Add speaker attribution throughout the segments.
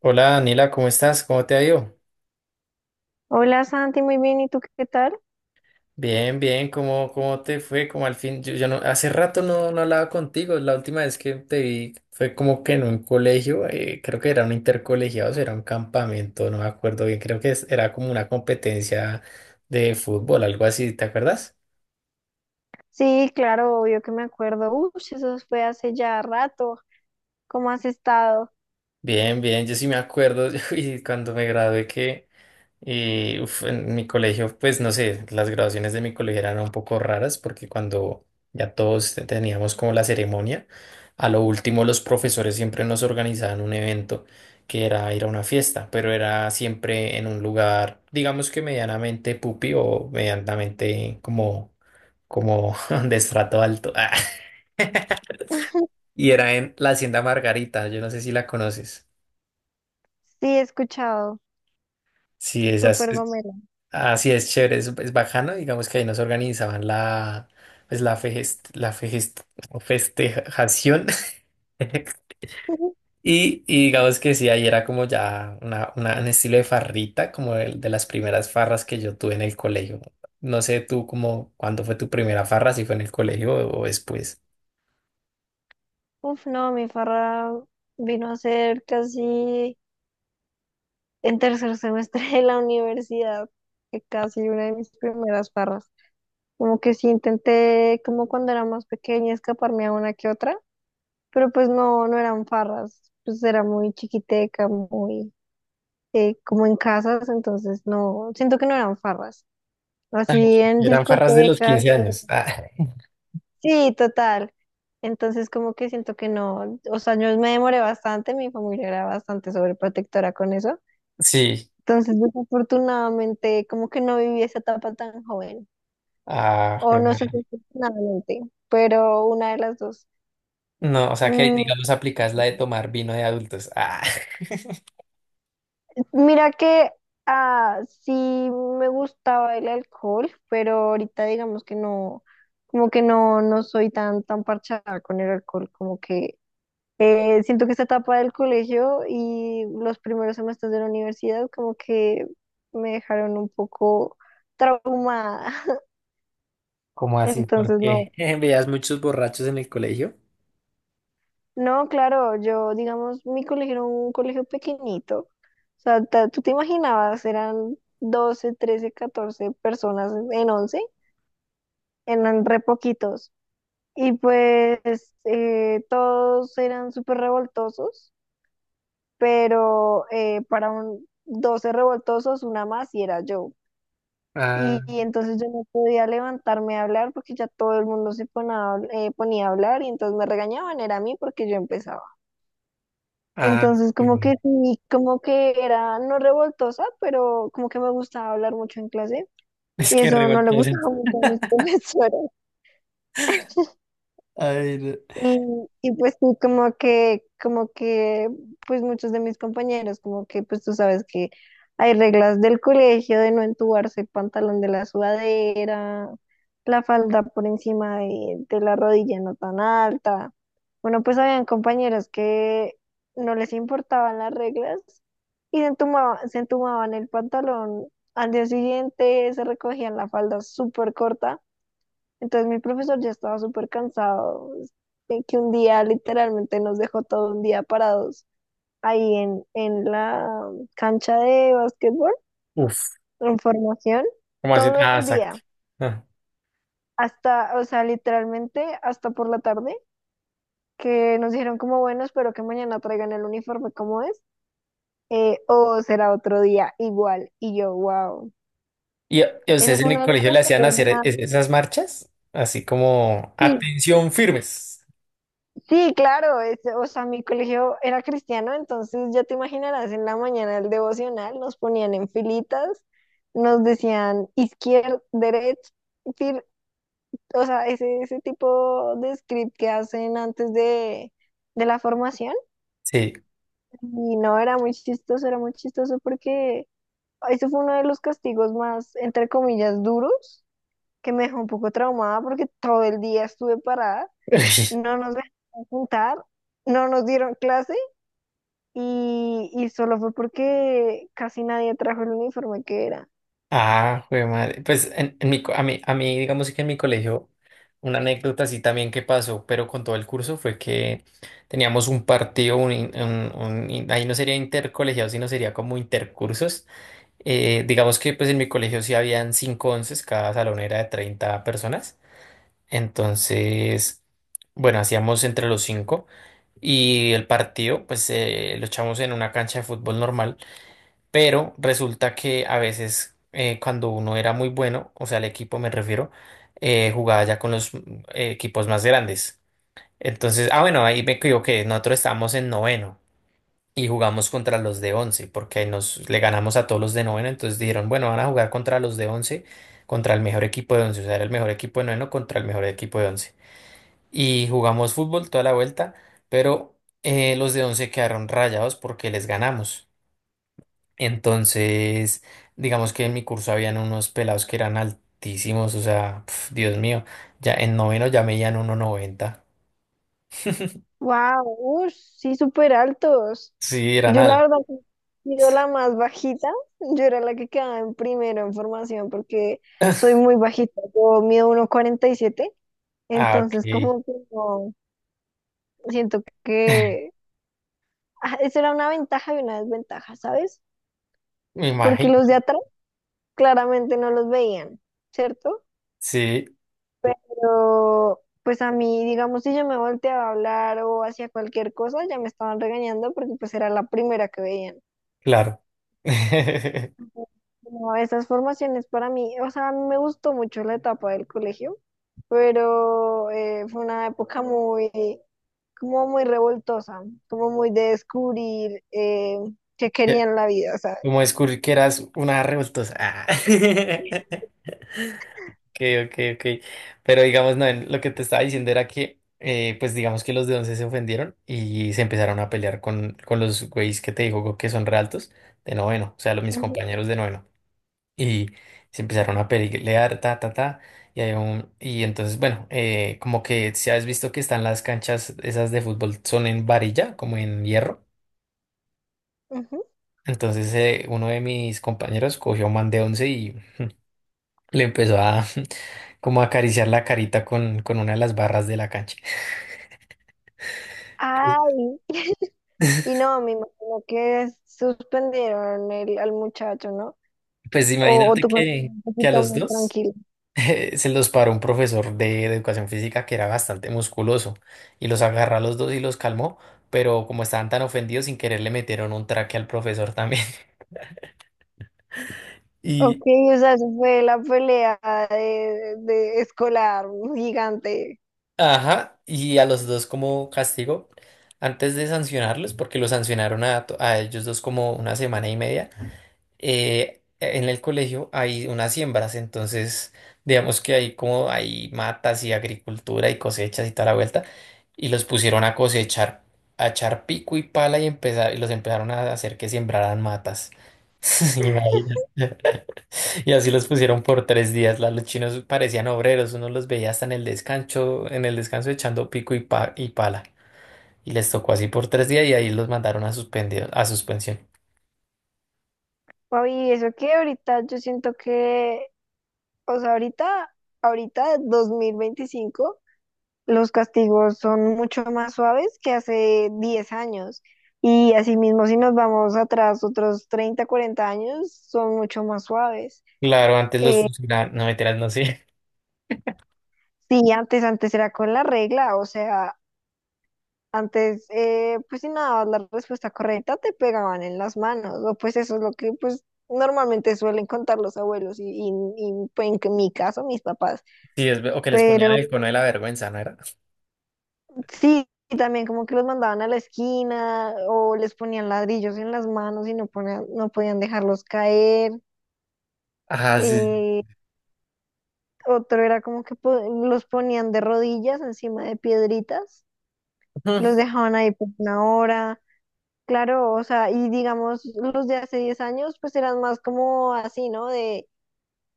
Speaker 1: Hola Daniela, ¿cómo estás? ¿Cómo te ha ido?
Speaker 2: Hola Santi, muy bien, ¿y tú qué tal?
Speaker 1: Bien, bien, ¿cómo te fue? Como al fin, yo hace rato no hablaba contigo, la última vez que te vi fue como que en un colegio, creo que era un intercolegiado, o sea, era un campamento, no me acuerdo bien, creo que era como una competencia de fútbol, algo así, ¿te acuerdas?
Speaker 2: Sí, claro, obvio que me acuerdo. Uy, eso fue hace ya rato. ¿Cómo has estado?
Speaker 1: Bien, bien, yo sí me acuerdo y cuando me gradué que en mi colegio, pues no sé, las graduaciones de mi colegio eran un poco raras porque cuando ya todos teníamos como la ceremonia, a lo último los profesores siempre nos organizaban un evento que era ir a una fiesta, pero era siempre en un lugar, digamos que medianamente pupi o medianamente como de estrato alto. Y era en la Hacienda Margarita, yo no sé si la conoces.
Speaker 2: Sí, he escuchado.
Speaker 1: Sí, esas.
Speaker 2: Súper gomelo.
Speaker 1: Así es, chévere, es bajano, digamos que ahí nos organizaban la, pues la fejest- festejación. Y digamos que sí, ahí era como ya un estilo de farrita, como el de las primeras farras que yo tuve en el colegio. No sé tú como cuándo fue tu primera farra, si fue en el colegio o después.
Speaker 2: Uf, no, mi farra vino a ser casi en tercer semestre de la universidad, que casi una de mis primeras farras. Como que sí intenté, como cuando era más pequeña, escaparme a una que otra, pero pues no, no eran farras, pues era muy chiquiteca, muy como en casas, entonces no, siento que no eran farras.
Speaker 1: Ah, ok.
Speaker 2: Así en
Speaker 1: Eran farras de los
Speaker 2: discotecas,
Speaker 1: 15 años. Ah,
Speaker 2: sí, total. Entonces como que siento que no, o sea, yo me demoré bastante, mi familia era bastante sobreprotectora con eso.
Speaker 1: sí.
Speaker 2: Entonces, desafortunadamente, como que no viví esa etapa tan joven,
Speaker 1: Ah,
Speaker 2: o
Speaker 1: jue
Speaker 2: no sé si
Speaker 1: madre.
Speaker 2: afortunadamente, pero una de las dos.
Speaker 1: No, o sea que
Speaker 2: Mm,
Speaker 1: digamos aplicas la de tomar vino de adultos. Ah.
Speaker 2: Mira que, ah, sí me gustaba el alcohol, pero ahorita digamos que no, como que no, no soy tan, tan parchada con el alcohol, como que siento que esta etapa del colegio y los primeros semestres de la universidad como que me dejaron un poco traumada.
Speaker 1: ¿Cómo así? ¿Por
Speaker 2: Entonces
Speaker 1: qué?
Speaker 2: no,
Speaker 1: ¿Veías muchos borrachos en el colegio?
Speaker 2: no, claro, yo digamos, mi colegio era un colegio pequeñito. O sea, tú te imaginabas, eran 12, 13, 14 personas en once, eran re poquitos. Y pues todos eran súper revoltosos, pero para un 12 revoltosos, una más y era yo.
Speaker 1: Ah,
Speaker 2: Y entonces yo no podía levantarme a hablar porque ya todo el mundo ponía a hablar y entonces me regañaban, era a mí porque yo empezaba.
Speaker 1: ah,
Speaker 2: Entonces
Speaker 1: qué
Speaker 2: como que
Speaker 1: bien.
Speaker 2: sí, como que era no revoltosa, pero como que me gustaba hablar mucho en clase
Speaker 1: Es
Speaker 2: y
Speaker 1: que
Speaker 2: eso no le
Speaker 1: revoltoso.
Speaker 2: gustaba mucho a mis profesoras.
Speaker 1: Ay, no.
Speaker 2: Y, y pues sí, pues muchos de mis compañeros, como que, pues tú sabes que hay reglas del colegio de no entubarse el pantalón de la sudadera, la falda por encima de la rodilla, no tan alta. Bueno, pues habían compañeros que no les importaban las reglas y se entumaban el pantalón. Al día siguiente se recogían la falda súper corta, entonces mi profesor ya estaba súper cansado, que un día literalmente nos dejó todo un día parados ahí en la cancha de básquetbol,
Speaker 1: Uf,
Speaker 2: en formación,
Speaker 1: ¿cómo así?
Speaker 2: todo
Speaker 1: Ah,
Speaker 2: el
Speaker 1: exacto.
Speaker 2: día,
Speaker 1: Ah.
Speaker 2: hasta, o sea, literalmente hasta por la tarde, que nos dijeron como, bueno, espero que mañana traigan el uniforme como es, o será otro día igual, y yo, wow.
Speaker 1: ¿Y a
Speaker 2: Eso
Speaker 1: ustedes en
Speaker 2: fue uno
Speaker 1: el
Speaker 2: de los
Speaker 1: colegio le hacían
Speaker 2: castigos
Speaker 1: hacer
Speaker 2: más,
Speaker 1: esas marchas? Así como,
Speaker 2: sí.
Speaker 1: atención, firmes.
Speaker 2: Sí, claro, o sea, mi colegio era cristiano, entonces ya te imaginarás, en la mañana el devocional nos ponían en filitas, nos decían izquierda, derecha, fil- o sea, ese tipo de script que hacen antes de la formación.
Speaker 1: Sí.
Speaker 2: Y no, era muy chistoso porque eso fue uno de los castigos más, entre comillas, duros, que me dejó un poco traumada porque todo el día estuve parada, no nos dejaron juntar, no nos dieron clase. Y solo fue porque casi nadie trajo el uniforme que era.
Speaker 1: Ah, jue madre. Pues en mi, co- a mí, digamos que en mi colegio, una anécdota así también que pasó, pero con todo el curso, fue que teníamos un partido, un, in- un- un in- ahí no sería intercolegiado, sino sería como intercursos. Digamos que pues en mi colegio sí habían cinco onces, cada salón era de 30 personas. Entonces, bueno, hacíamos entre los cinco y el partido, pues lo echamos en una cancha de fútbol normal. Pero resulta que a veces cuando uno era muy bueno, o sea, el equipo me refiero, jugaba ya con los equipos más grandes. Entonces, ah, bueno, ahí me equivoqué, nosotros estábamos en noveno y jugamos contra los de once, porque ahí nos le ganamos a todos los de noveno, entonces dijeron, bueno, van a jugar contra los de once, contra el mejor equipo de once, o sea, era el mejor equipo de noveno contra el mejor equipo de once. Y jugamos fútbol toda la vuelta, pero los de once quedaron rayados porque les ganamos. Entonces, digamos que en mi curso habían unos pelados que eran altísimos, o sea, pf, Dios mío, ya en noveno ya medían 1,90.
Speaker 2: ¡Wow! ¡Ush! Sí, súper altos.
Speaker 1: Sí, eran
Speaker 2: Yo la
Speaker 1: al.
Speaker 2: verdad, he sido la más bajita. Yo era la que quedaba en primero en formación porque soy muy bajita. Yo mido 1,47.
Speaker 1: Ah, ok.
Speaker 2: Entonces, como que no, siento que, ah, eso era una ventaja y una desventaja, ¿sabes?
Speaker 1: Me
Speaker 2: Porque
Speaker 1: imagino.
Speaker 2: los de atrás claramente no los veían, ¿cierto?
Speaker 1: Sí,
Speaker 2: Pero, pues a mí, digamos, si yo me volteaba a hablar o hacía cualquier cosa, ya me estaban regañando porque pues era la primera que veían.
Speaker 1: claro.
Speaker 2: No, esas formaciones para mí, o sea, a mí me gustó mucho la etapa del colegio, pero fue una época muy, como muy revoltosa, como muy de descubrir qué
Speaker 1: Ya,
Speaker 2: quería en la vida, ¿sabes?
Speaker 1: como descubrir que eras una revoltosa. Ah. Ok, ok. Ok. Pero digamos, no, lo que te estaba diciendo era que, pues digamos que los de once se ofendieron y se empezaron a pelear con los güeyes que te digo que son realtos de noveno, o sea, mis
Speaker 2: Ujú,
Speaker 1: compañeros de noveno. Y se empezaron a pelear, ta, ta, ta. Y entonces, bueno, como que si has visto que están las canchas esas de fútbol, son en varilla, como en hierro.
Speaker 2: ujú.
Speaker 1: Entonces, uno de mis compañeros cogió man de once y le empezó a. Como acariciar la carita con una de las barras de la cancha.
Speaker 2: Ay, y no, me imagino que suspendieron al muchacho, ¿no?
Speaker 1: Pues
Speaker 2: O
Speaker 1: imagínate
Speaker 2: tú conoces
Speaker 1: que,
Speaker 2: un
Speaker 1: que a
Speaker 2: poquito
Speaker 1: los
Speaker 2: más
Speaker 1: dos
Speaker 2: tranquilo.
Speaker 1: se los paró un profesor de educación física que era bastante musculoso y los agarró a los dos y los calmó, pero como estaban tan ofendidos, sin querer le metieron un traque al profesor también.
Speaker 2: Ok,
Speaker 1: Y,
Speaker 2: o sea, eso fue la pelea de escolar gigante.
Speaker 1: ajá, y a los dos como castigo, antes de sancionarlos, porque los sancionaron a ellos dos como una semana y media. En el colegio hay unas siembras, entonces digamos que hay como hay matas y agricultura y cosechas y toda la vuelta, y los pusieron a cosechar, a echar pico y pala y empezar, y los empezaron a hacer que sembraran matas. Imagina. Y así los pusieron por 3 días. Los chinos parecían obreros, uno los veía hasta en el descanso echando pico y pala. Y les tocó así por 3 días y ahí los mandaron a suspendido, a suspensión.
Speaker 2: Papi, eso que ahorita yo siento que, o sea, ahorita, ahorita 2025 los castigos son mucho más suaves que hace 10 años. Y asimismo, si nos vamos atrás otros 30, 40 años, son mucho más suaves.
Speaker 1: Claro, antes los funcionarios, no mentiras, no sé.
Speaker 2: Sí, antes, antes era con la regla, o sea. Antes, pues si no dabas la respuesta correcta, te pegaban en las manos, o pues eso es lo que pues normalmente suelen contar los abuelos pues, mi caso mis papás.
Speaker 1: Sí, o que les ponían
Speaker 2: Pero
Speaker 1: el cono de la vergüenza, ¿no era?
Speaker 2: sí, y también como que los mandaban a la esquina o les ponían ladrillos en las manos y no, no podían dejarlos caer.
Speaker 1: Ah, sí.
Speaker 2: Eh, otro era como que los ponían de rodillas encima de piedritas, los
Speaker 1: Ujú,
Speaker 2: dejaban ahí por una hora. Claro, o sea, y digamos, los de hace 10 años pues eran más como así, ¿no? De,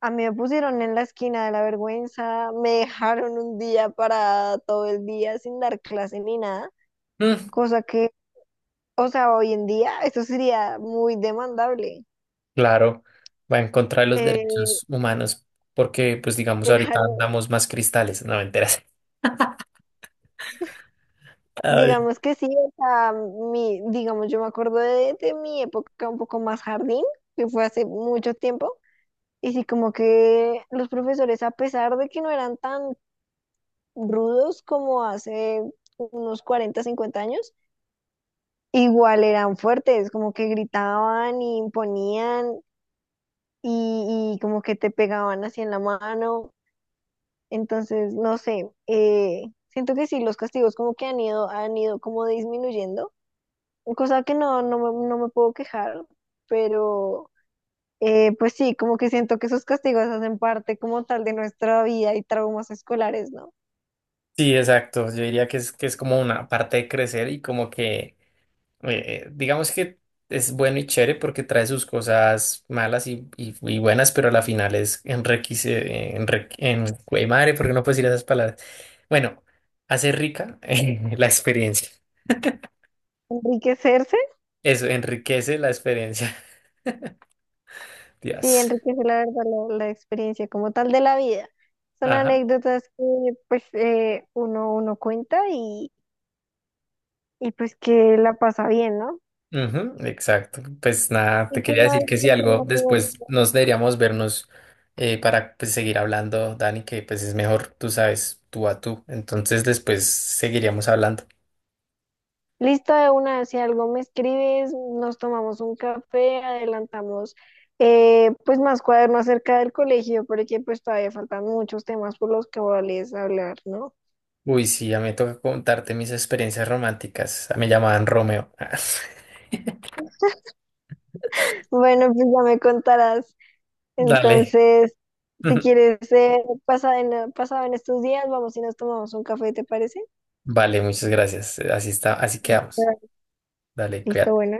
Speaker 2: a mí me pusieron en la esquina de la vergüenza, me dejaron un día para todo el día sin dar clase ni nada,
Speaker 1: ujú.
Speaker 2: cosa que, o sea, hoy en día eso sería muy demandable.
Speaker 1: Claro, va en contra de los
Speaker 2: Eh,
Speaker 1: derechos humanos, porque, pues, digamos, ahorita
Speaker 2: claro,
Speaker 1: andamos más cristales, no me enteras. Ay,
Speaker 2: digamos que sí, o sea, mi, digamos, yo me acuerdo de mi época un poco más jardín, que fue hace mucho tiempo. Y sí, como que los profesores, a pesar de que no eran tan rudos como hace unos 40, 50 años, igual eran fuertes, como que gritaban y imponían y como que te pegaban así en la mano. Entonces, no sé, siento que sí, los castigos como que han ido como disminuyendo, cosa que no, no, no me puedo quejar, pero pues sí, como que siento que esos castigos hacen parte como tal de nuestra vida y traumas escolares, ¿no?
Speaker 1: sí, exacto. Yo diría que que es como una parte de crecer y como que, digamos que es bueno y chévere porque trae sus cosas malas y buenas, pero a la final es enriquece, güey, madre, porque no puedes decir esas palabras. Bueno, hace rica, la experiencia.
Speaker 2: Enriquecerse.
Speaker 1: Eso enriquece la experiencia.
Speaker 2: Sí,
Speaker 1: Dios.
Speaker 2: enriquece la verdad la experiencia como tal de la vida. Son
Speaker 1: Ajá.
Speaker 2: anécdotas que pues uno cuenta y pues que la pasa bien, ¿no?
Speaker 1: Ujú, exacto. Pues nada, te
Speaker 2: Y que
Speaker 1: quería
Speaker 2: una
Speaker 1: decir
Speaker 2: vez
Speaker 1: que si
Speaker 2: pues, el
Speaker 1: algo
Speaker 2: amor,
Speaker 1: después nos deberíamos vernos para pues, seguir hablando, Dani, que pues es mejor, tú sabes, tú a tú. Entonces después seguiríamos hablando.
Speaker 2: listo, de una, si algo me escribes, nos tomamos un café, adelantamos pues más cuaderno acerca del colegio, porque pues todavía faltan muchos temas por los que cuales hablar, ¿no?
Speaker 1: Uy, sí, ya me toca contarte mis experiencias románticas. Ah, me llamaban Romeo.
Speaker 2: Bueno, pues ya me contarás.
Speaker 1: Dale.
Speaker 2: Entonces, si quieres, pasado en estos días, vamos y nos tomamos un café, ¿te parece?
Speaker 1: Vale, muchas gracias. Así está, así quedamos.
Speaker 2: Claro.
Speaker 1: Dale,
Speaker 2: Listo,
Speaker 1: cuídate.
Speaker 2: bueno.